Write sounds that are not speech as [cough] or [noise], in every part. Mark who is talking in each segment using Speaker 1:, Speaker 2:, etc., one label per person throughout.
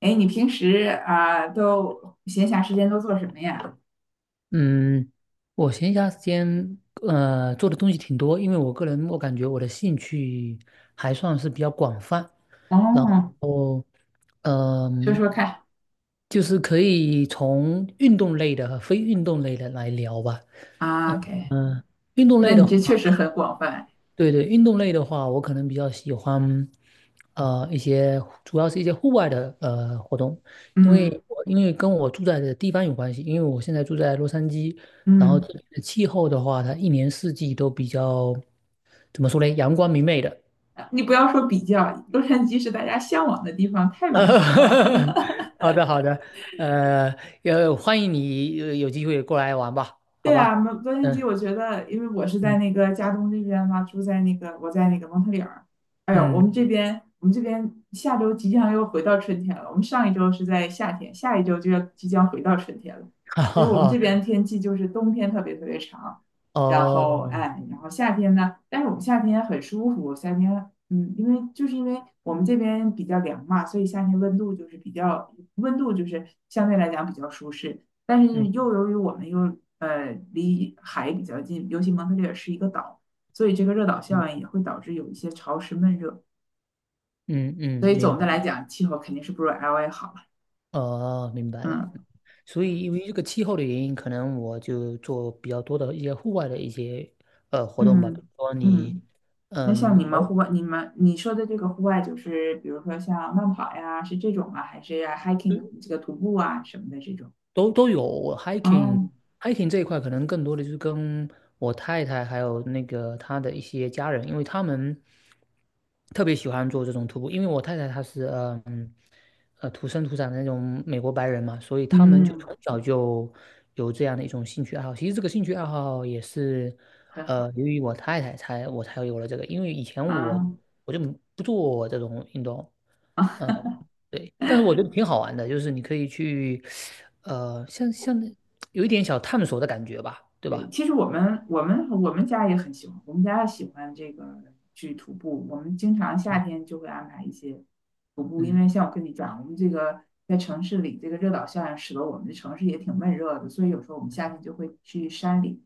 Speaker 1: 哎，你平时啊、都闲暇时间都做什么呀？
Speaker 2: 嗯，我闲暇时间做的东西挺多，因为我个人，我感觉我的兴趣还算是比较广泛，然
Speaker 1: 哦，
Speaker 2: 后
Speaker 1: 说
Speaker 2: 嗯、
Speaker 1: 说看
Speaker 2: 就是可以从运动类的和非运动类的来聊吧。
Speaker 1: 啊，OK，
Speaker 2: 运动
Speaker 1: 那
Speaker 2: 类
Speaker 1: 你
Speaker 2: 的话，
Speaker 1: 这确实很广泛。
Speaker 2: 对对，运动类的话，我可能比较喜欢，一些主要是一些户外的活动，因
Speaker 1: 嗯
Speaker 2: 为我因为跟我住在的地方有关系，因为我现在住在洛杉矶。然后
Speaker 1: 嗯，
Speaker 2: 这里的气候的话，它一年四季都比较，怎么说呢，阳光明媚的。
Speaker 1: 你不要说比较，洛杉矶是大家向往的地方，太美好了。[laughs]
Speaker 2: [laughs] 好的好的，呃，也欢迎你有机会过来玩吧，好
Speaker 1: 对啊，
Speaker 2: 吧。
Speaker 1: 蒙洛杉矶，
Speaker 2: 嗯
Speaker 1: 我觉得，因为我是在
Speaker 2: 嗯
Speaker 1: 那个加东这边嘛，住在那个我在那个蒙特利尔。哎呦，我
Speaker 2: 嗯。
Speaker 1: 们这边我们这边下周即将又回到春天了。我们上一周是在夏天，下一周就要即将回到春天了。
Speaker 2: [laughs] 哈
Speaker 1: 所
Speaker 2: 哈
Speaker 1: 以我们这
Speaker 2: 哈。
Speaker 1: 边天气就是冬天特别特别长，然后
Speaker 2: 哦。
Speaker 1: 哎，然后夏天呢，但是我们夏天很舒服，夏天嗯，因为因为我们这边比较凉嘛，所以夏天温度就是相对来讲比较舒适。但是
Speaker 2: 嗯
Speaker 1: 又由于我们又离海比较近，尤其蒙特利尔是一个岛，所以这个热岛效应
Speaker 2: 嗯
Speaker 1: 也会导致有一些潮湿闷热。
Speaker 2: 嗯嗯，
Speaker 1: 所以
Speaker 2: 明
Speaker 1: 总的
Speaker 2: 白。
Speaker 1: 来讲，气候肯定是不如 LA 好了。
Speaker 2: 哦，明白了。
Speaker 1: 嗯
Speaker 2: 所以因为这个气候的原因，可能我就做比较多的一些户外的一些活动吧，比
Speaker 1: 嗯
Speaker 2: 如说你，
Speaker 1: 嗯。那像
Speaker 2: 嗯，
Speaker 1: 你们
Speaker 2: 偶
Speaker 1: 户外，你说的这个户外，就是比如说像慢跑呀，是这种啊，还是 hiking 这个徒步啊什么的这种？
Speaker 2: 都有。我 hiking
Speaker 1: 哦，
Speaker 2: hiking 这一块可能更多的就是跟我太太还有那个她的一些家人，因为他们特别喜欢做这种徒步。因为我太太她是土生土长的那种美国白人嘛，所以他们就
Speaker 1: 嗯，
Speaker 2: 从小就有这样的一种兴趣爱好。其实这个兴趣爱好也是
Speaker 1: 很好
Speaker 2: 由于我太太才我才有了这个，因为以前
Speaker 1: 啊啊。
Speaker 2: 我
Speaker 1: 嗯
Speaker 2: 我就不做这种运动。嗯。对，但是我觉得挺好玩的，就是你可以去，像有一点小探索的感觉吧，对
Speaker 1: 对，
Speaker 2: 吧？
Speaker 1: 其实我们家也很喜欢，我们家喜欢这个去徒步，我们经常夏
Speaker 2: 嗯
Speaker 1: 天就会安排一些徒步，因
Speaker 2: 嗯
Speaker 1: 为像我跟你讲，我们这个在城市里，这个热岛效应使得我们的城市也挺闷热的，所以有时候我们夏天就会去山里，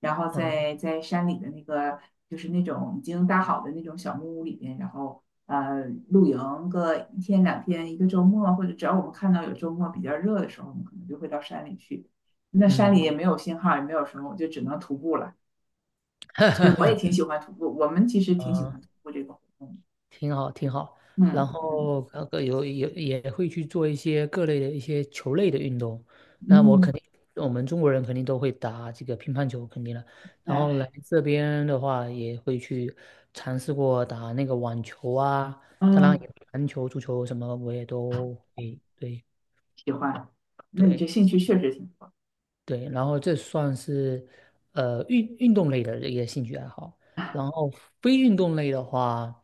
Speaker 1: 然后
Speaker 2: 嗯
Speaker 1: 在山里的那个就是那种已经搭好的那种小木屋里边，然后呃露营个一天两天，一个周末，或者只要我们看到有周末比较热的时候，我们可能就会到山里去。那山
Speaker 2: 嗯
Speaker 1: 里也没有信号，也没有什么，我就只能徒步了。对，我也挺喜欢徒步，我们其实挺喜
Speaker 2: 嗯。
Speaker 1: 欢徒步这个活动。
Speaker 2: 挺好挺好。然
Speaker 1: 嗯嗯
Speaker 2: 后那个也会去做一些各类的一些球类的运动。那我
Speaker 1: 嗯，
Speaker 2: 肯定，我们中国人肯定都会打这个乒乓球，肯定了。然后来
Speaker 1: 哎
Speaker 2: 这边的话，也会去尝试过打那个网球啊，当然
Speaker 1: 嗯，
Speaker 2: 也篮球、足球什么我也都会，对
Speaker 1: 喜欢。那你这
Speaker 2: 对。
Speaker 1: 兴趣确实挺多。
Speaker 2: 对，然后这算是运动类的一个兴趣爱好。然后非运动类的话，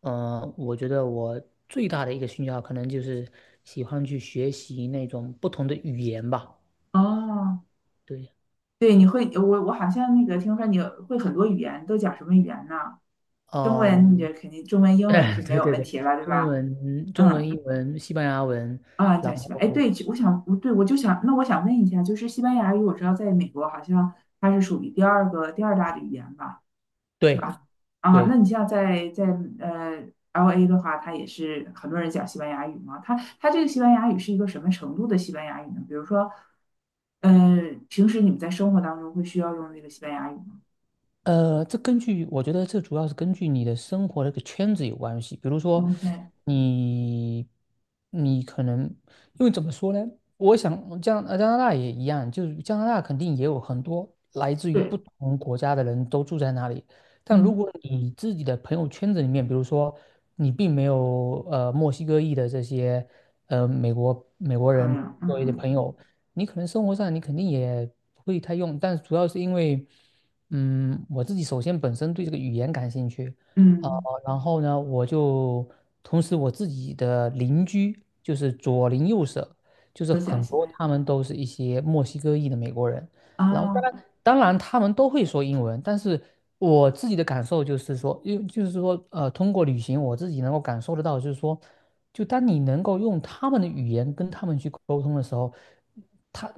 Speaker 2: 我觉得我最大的一个兴趣爱好可能就是喜欢去学习那种不同的语言吧。
Speaker 1: 哦，
Speaker 2: 对。
Speaker 1: 对，你会我我好像那个听说你会很多语言，都讲什么语言呢？中文你
Speaker 2: 嗯。
Speaker 1: 这肯定中文、
Speaker 2: [laughs]
Speaker 1: 英文
Speaker 2: 哎
Speaker 1: 是没
Speaker 2: 对
Speaker 1: 有
Speaker 2: 对
Speaker 1: 问
Speaker 2: 对，
Speaker 1: 题了，对
Speaker 2: 中
Speaker 1: 吧？
Speaker 2: 文、中文、
Speaker 1: 嗯
Speaker 2: 英文、西班牙文。
Speaker 1: 啊，
Speaker 2: 然
Speaker 1: 讲西班牙。哎，
Speaker 2: 后
Speaker 1: 对，我想，我对我就想，那我想问一下，就是西班牙语，我知道在美国好像它是属于第二大的语言吧？
Speaker 2: 对
Speaker 1: 啊，那
Speaker 2: 对。
Speaker 1: 你像在呃 LA 的话，它也是很多人讲西班牙语嘛。它这个西班牙语是一个什么程度的西班牙语呢？比如说，呃，平时你们在生活当中会需要用这个西班牙语吗
Speaker 2: 这根据我觉得这主要是根据你的生活的一个圈子有关系。比如说
Speaker 1: ？OK，
Speaker 2: 你，你可能，因为怎么说呢？我想加拿大也一样，就是加拿大肯定也有很多来自于
Speaker 1: 对，
Speaker 2: 不同国家的人都住在那里。但如
Speaker 1: 嗯，
Speaker 2: 果你自己的朋友圈子里面，比如说你并没有墨西哥裔的这些美国人
Speaker 1: 朋友，
Speaker 2: 作为的
Speaker 1: 嗯
Speaker 2: 朋友，你可能生活上你肯定也不会太用，但主要是因为，我自己首先本身对这个语言感兴趣。呃，
Speaker 1: 嗯，
Speaker 2: 然后呢，同时我自己的邻居就是左邻右舍，就是
Speaker 1: 都讲
Speaker 2: 很
Speaker 1: 西
Speaker 2: 多
Speaker 1: 班
Speaker 2: 他们都是一些墨西哥裔的美国人。
Speaker 1: 牙
Speaker 2: 然后当
Speaker 1: 啊，
Speaker 2: 然当然他们都会说英文，但是。我自己的感受就是说，因为就是说，通过旅行，我自己能够感受得到，就是说，就当你能够用他们的语言跟他们去沟通的时候，他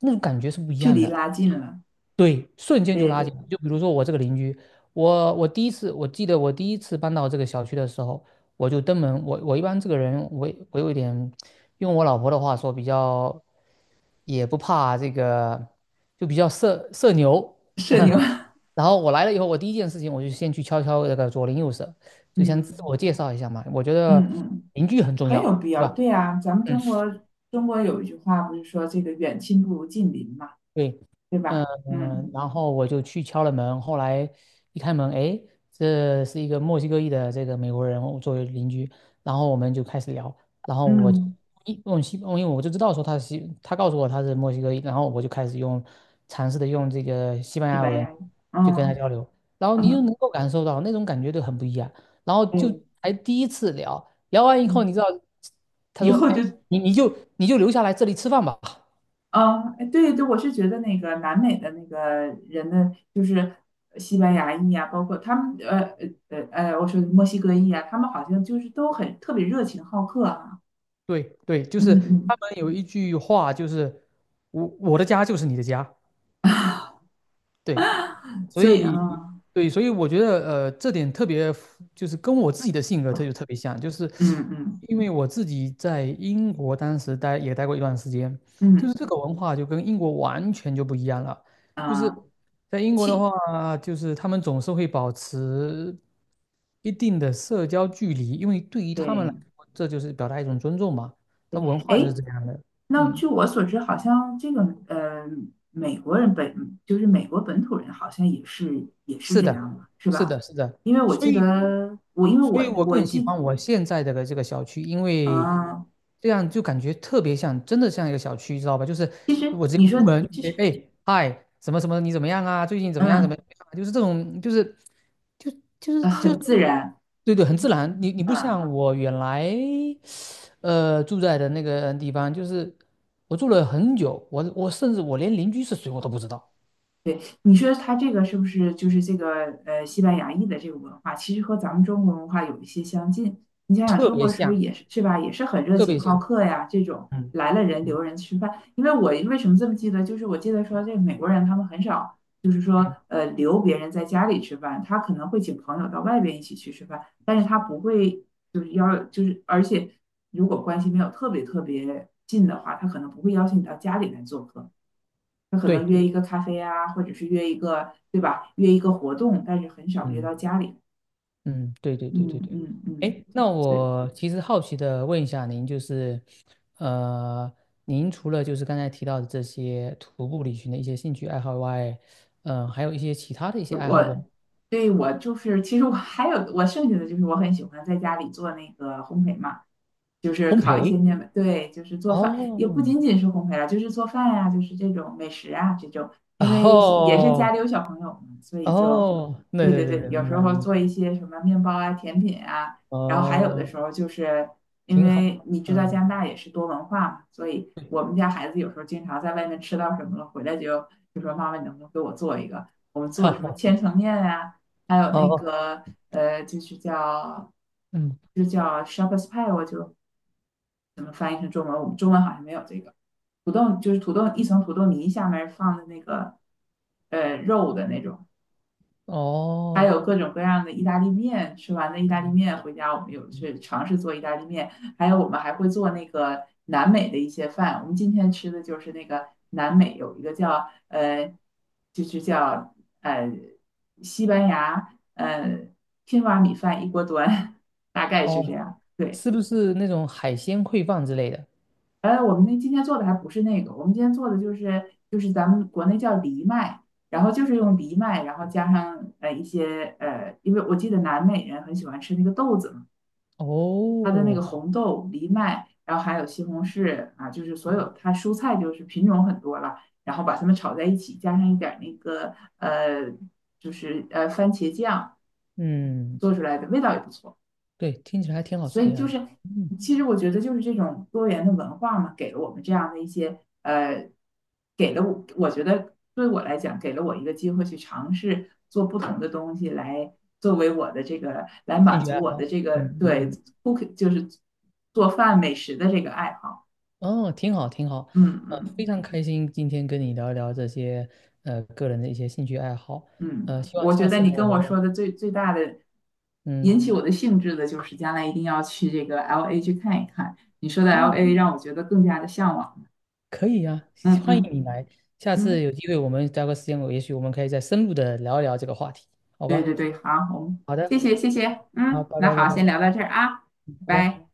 Speaker 2: 那种感觉是不一
Speaker 1: 距
Speaker 2: 样
Speaker 1: 离
Speaker 2: 的。
Speaker 1: 拉近了，
Speaker 2: 对，瞬间就
Speaker 1: 对
Speaker 2: 拉
Speaker 1: 对，
Speaker 2: 近了，就比如说我这个邻居，我记得我第一次搬到这个小区的时候，我就登门。我一般这个人，我有一点，用我老婆的话说，比较也不怕这个，就比较社牛。
Speaker 1: 社牛，
Speaker 2: [laughs] 然后我来了以后，我第一件事情我就先去敲敲这个左邻右舍，
Speaker 1: [laughs]
Speaker 2: 就先自
Speaker 1: 嗯
Speaker 2: 我介绍一下嘛。我觉
Speaker 1: 嗯
Speaker 2: 得
Speaker 1: 嗯，
Speaker 2: 邻居很重
Speaker 1: 很有
Speaker 2: 要，
Speaker 1: 必
Speaker 2: 对
Speaker 1: 要。
Speaker 2: 吧？
Speaker 1: 对啊，咱们
Speaker 2: 嗯。
Speaker 1: 中国中国有一句话不是说这个远亲不如近邻嘛，
Speaker 2: 对。
Speaker 1: 对吧？嗯
Speaker 2: 然后我就去敲了门，后来一开门，哎，这是一个墨西哥裔的这个美国人我作为邻居。然后我们就开始聊，然后我就
Speaker 1: 嗯。
Speaker 2: 一用西，因为我就知道说他是西，他告诉我他是墨西哥裔。然后我就开始尝试的用这个西班
Speaker 1: 西
Speaker 2: 牙
Speaker 1: 班
Speaker 2: 文
Speaker 1: 牙语，
Speaker 2: 就跟他
Speaker 1: 嗯
Speaker 2: 交流，然后你就
Speaker 1: 嗯，
Speaker 2: 能够感受到那种感觉就很不一样，然后就
Speaker 1: 对，
Speaker 2: 还第一次聊，聊完以后
Speaker 1: 嗯，
Speaker 2: 你知道，他
Speaker 1: 以
Speaker 2: 说，
Speaker 1: 后
Speaker 2: 哎，
Speaker 1: 就，
Speaker 2: 你就留下来这里吃饭吧。
Speaker 1: 嗯，哎对对，我是觉得那个南美的那个人的，就是西班牙裔啊，包括他们，我说墨西哥裔啊，他们好像就是都很特别热情好客啊，
Speaker 2: 对对，就是
Speaker 1: 嗯嗯，
Speaker 2: 他们有一句话，就是我的家就是你的家。对。所
Speaker 1: 所以啊，
Speaker 2: 以对，所以我觉得这点特别符就是跟我自己的性格就特别像，就是
Speaker 1: 嗯嗯
Speaker 2: 因为我自己在英国当时待也待过一段时间，就是
Speaker 1: 嗯
Speaker 2: 这个文化就跟英国完全就不一样了。就是
Speaker 1: 啊，
Speaker 2: 在英国的
Speaker 1: 气，
Speaker 2: 话，就是他们总是会保持一定的社交距离，因为对于他们来
Speaker 1: 对，
Speaker 2: 说，这就是表达一种尊重嘛，他文化就是
Speaker 1: 哎，
Speaker 2: 这样的。
Speaker 1: 那
Speaker 2: 嗯，
Speaker 1: 据我所知，好像这个呃，美国人本就是美国本土人，好像也是也是
Speaker 2: 是
Speaker 1: 这
Speaker 2: 的，
Speaker 1: 样的，是
Speaker 2: 是
Speaker 1: 吧？
Speaker 2: 的，是的。
Speaker 1: 因为我
Speaker 2: 所
Speaker 1: 记
Speaker 2: 以，
Speaker 1: 得我，因为
Speaker 2: 所
Speaker 1: 我
Speaker 2: 以我
Speaker 1: 我
Speaker 2: 更喜
Speaker 1: 记，
Speaker 2: 欢我现在的这个小区，因为
Speaker 1: 嗯、
Speaker 2: 这样就感觉特别像，真的像一个小区，知道吧？就是
Speaker 1: 其实
Speaker 2: 我直接
Speaker 1: 你说
Speaker 2: 出门，
Speaker 1: 就是
Speaker 2: 哎哎，嗨，什么什么，你怎么样啊？最近怎么样？怎么样
Speaker 1: 嗯
Speaker 2: 啊就是这种，就就是就是，
Speaker 1: 很自然，
Speaker 2: 对对，很自然。你不
Speaker 1: 嗯、
Speaker 2: 像我原来住在的那个地方，就是我住了很久，我甚至我连邻居是谁我都不知道。
Speaker 1: 对，你说他这个是不是就是这个西班牙裔的这个文化，其实和咱们中国文化有一些相近。你想想，
Speaker 2: 特
Speaker 1: 中
Speaker 2: 别
Speaker 1: 国是不是
Speaker 2: 像，
Speaker 1: 也是是吧，也是很热
Speaker 2: 特
Speaker 1: 情
Speaker 2: 别
Speaker 1: 好
Speaker 2: 像。
Speaker 1: 客呀？这种
Speaker 2: 嗯
Speaker 1: 来了人
Speaker 2: 嗯
Speaker 1: 留人吃饭。因为我为什么这么记得，就是我记得说这美国人他们很少，就是说
Speaker 2: 嗯。
Speaker 1: 留别人在家里吃饭，他可能会请朋友到外边一起去吃饭，但是他不会就是要就是而且如果关系没有特别特别近的话，他可能不会邀请你到家里来做客。他可能
Speaker 2: 对。
Speaker 1: 约一个咖啡啊，或者是约一个，对吧？约一个活动，但是很少约
Speaker 2: 嗯。
Speaker 1: 到家里。
Speaker 2: 嗯，对对对对
Speaker 1: 嗯
Speaker 2: 对。
Speaker 1: 嗯嗯，
Speaker 2: 哎，那
Speaker 1: 对，
Speaker 2: 我其实好奇的问一下您，就是，呃，您除了就是刚才提到的这些徒步旅行的一些兴趣爱好外，还有一些其他的一些爱好
Speaker 1: 我
Speaker 2: 不？
Speaker 1: 对我就是，其实我还有我剩下的就是我很喜欢在家里做那个烘焙嘛。就是
Speaker 2: 烘
Speaker 1: 烤一些
Speaker 2: 焙。
Speaker 1: 面包对，就是做饭，也不
Speaker 2: 哦，
Speaker 1: 仅仅是烘焙了，就是做饭呀、就是这种美食啊，这种，因为也是家
Speaker 2: 哦，
Speaker 1: 里有小朋友嘛，所以就，
Speaker 2: 哦，对
Speaker 1: 对
Speaker 2: 对
Speaker 1: 对
Speaker 2: 对
Speaker 1: 对，
Speaker 2: 对，
Speaker 1: 有
Speaker 2: 明
Speaker 1: 时
Speaker 2: 白
Speaker 1: 候
Speaker 2: 明白，
Speaker 1: 做一些什么面包啊、甜品啊，然后还有的
Speaker 2: 哦，
Speaker 1: 时候就是因
Speaker 2: 挺好，
Speaker 1: 为你知道加
Speaker 2: 嗯，
Speaker 1: 拿大也是多文化嘛，所以我们家孩子有时候经常在外面吃到什么了，回来就就说妈妈，你能不能给我做一个？我们做
Speaker 2: 好
Speaker 1: 什么
Speaker 2: 好，
Speaker 1: 千层面啊，还有那
Speaker 2: 哦，
Speaker 1: 个就是叫。
Speaker 2: 嗯，
Speaker 1: 就叫 s h a k h e r d s pie，我就怎么翻译成中文？我们中文好像没有这个土豆，就是土豆一层土豆泥下面放的那个肉的那种，还
Speaker 2: 哦，
Speaker 1: 有各种各样的意大利面。吃完的意大利
Speaker 2: 嗯
Speaker 1: 面回家，我们有去尝试做意大利面，还有我们还会做那个南美的一些饭。我们今天吃的就是那个南美有一个叫就是叫呃西班牙天蛙米饭一锅端，[laughs] 大概
Speaker 2: 哦
Speaker 1: 是这
Speaker 2: 哦，
Speaker 1: 样。对。
Speaker 2: 是不是那种海鲜烩饭之类的？
Speaker 1: 我们那今天做的还不是那个，我们今天做的就是咱们国内叫藜麦，然后就是用藜麦，然后加上一些，因为我记得南美人很喜欢吃那个豆子嘛，它的那个
Speaker 2: 哦，
Speaker 1: 红豆、藜麦，然后还有西红柿啊，就是所有它蔬菜就是品种很多了，然后把它们炒在一起，加上一点儿那个呃就是番茄酱
Speaker 2: 嗯，
Speaker 1: 做出来的味道也不错。
Speaker 2: 对，听起来还挺好吃
Speaker 1: 所
Speaker 2: 的
Speaker 1: 以就
Speaker 2: 样子。
Speaker 1: 是，
Speaker 2: 嗯，
Speaker 1: 其实我觉得就是这种多元的文化嘛，给了我们这样的一些，给了我，我觉得对我来讲，给了我一个机会去尝试做不同的东西，来作为我的这个来
Speaker 2: 兴
Speaker 1: 满
Speaker 2: 趣
Speaker 1: 足
Speaker 2: 爱
Speaker 1: 我的
Speaker 2: 好。
Speaker 1: 这个
Speaker 2: 嗯
Speaker 1: 对
Speaker 2: 嗯
Speaker 1: cook 就是做饭美食的这个爱好。
Speaker 2: 嗯。哦，挺好挺好。
Speaker 1: 嗯
Speaker 2: 非
Speaker 1: 嗯
Speaker 2: 常开心今天跟你聊一聊这些个人的一些兴趣爱好。
Speaker 1: 嗯，
Speaker 2: 希望
Speaker 1: 我觉
Speaker 2: 下
Speaker 1: 得
Speaker 2: 次
Speaker 1: 你
Speaker 2: 呢我
Speaker 1: 跟我说
Speaker 2: 们
Speaker 1: 的最大的引
Speaker 2: 嗯
Speaker 1: 起我的兴致的就是将来一定要去这个 LA 去看一看。你说的
Speaker 2: 可以。
Speaker 1: LA 让我觉得更加的向往。
Speaker 2: 可以呀、
Speaker 1: 嗯
Speaker 2: 欢迎
Speaker 1: 嗯
Speaker 2: 你来，下次
Speaker 1: 嗯。
Speaker 2: 有机会我们找个时间，我也许我们可以再深入的聊一聊这个话题，好
Speaker 1: 对
Speaker 2: 吧？
Speaker 1: 对对，好，我们
Speaker 2: 好
Speaker 1: 谢
Speaker 2: 的，
Speaker 1: 谢谢谢，
Speaker 2: 好，
Speaker 1: 嗯，
Speaker 2: 拜
Speaker 1: 那
Speaker 2: 拜拜
Speaker 1: 好，
Speaker 2: 拜
Speaker 1: 先聊到这儿啊，
Speaker 2: 拜
Speaker 1: 拜
Speaker 2: 拜。
Speaker 1: 拜。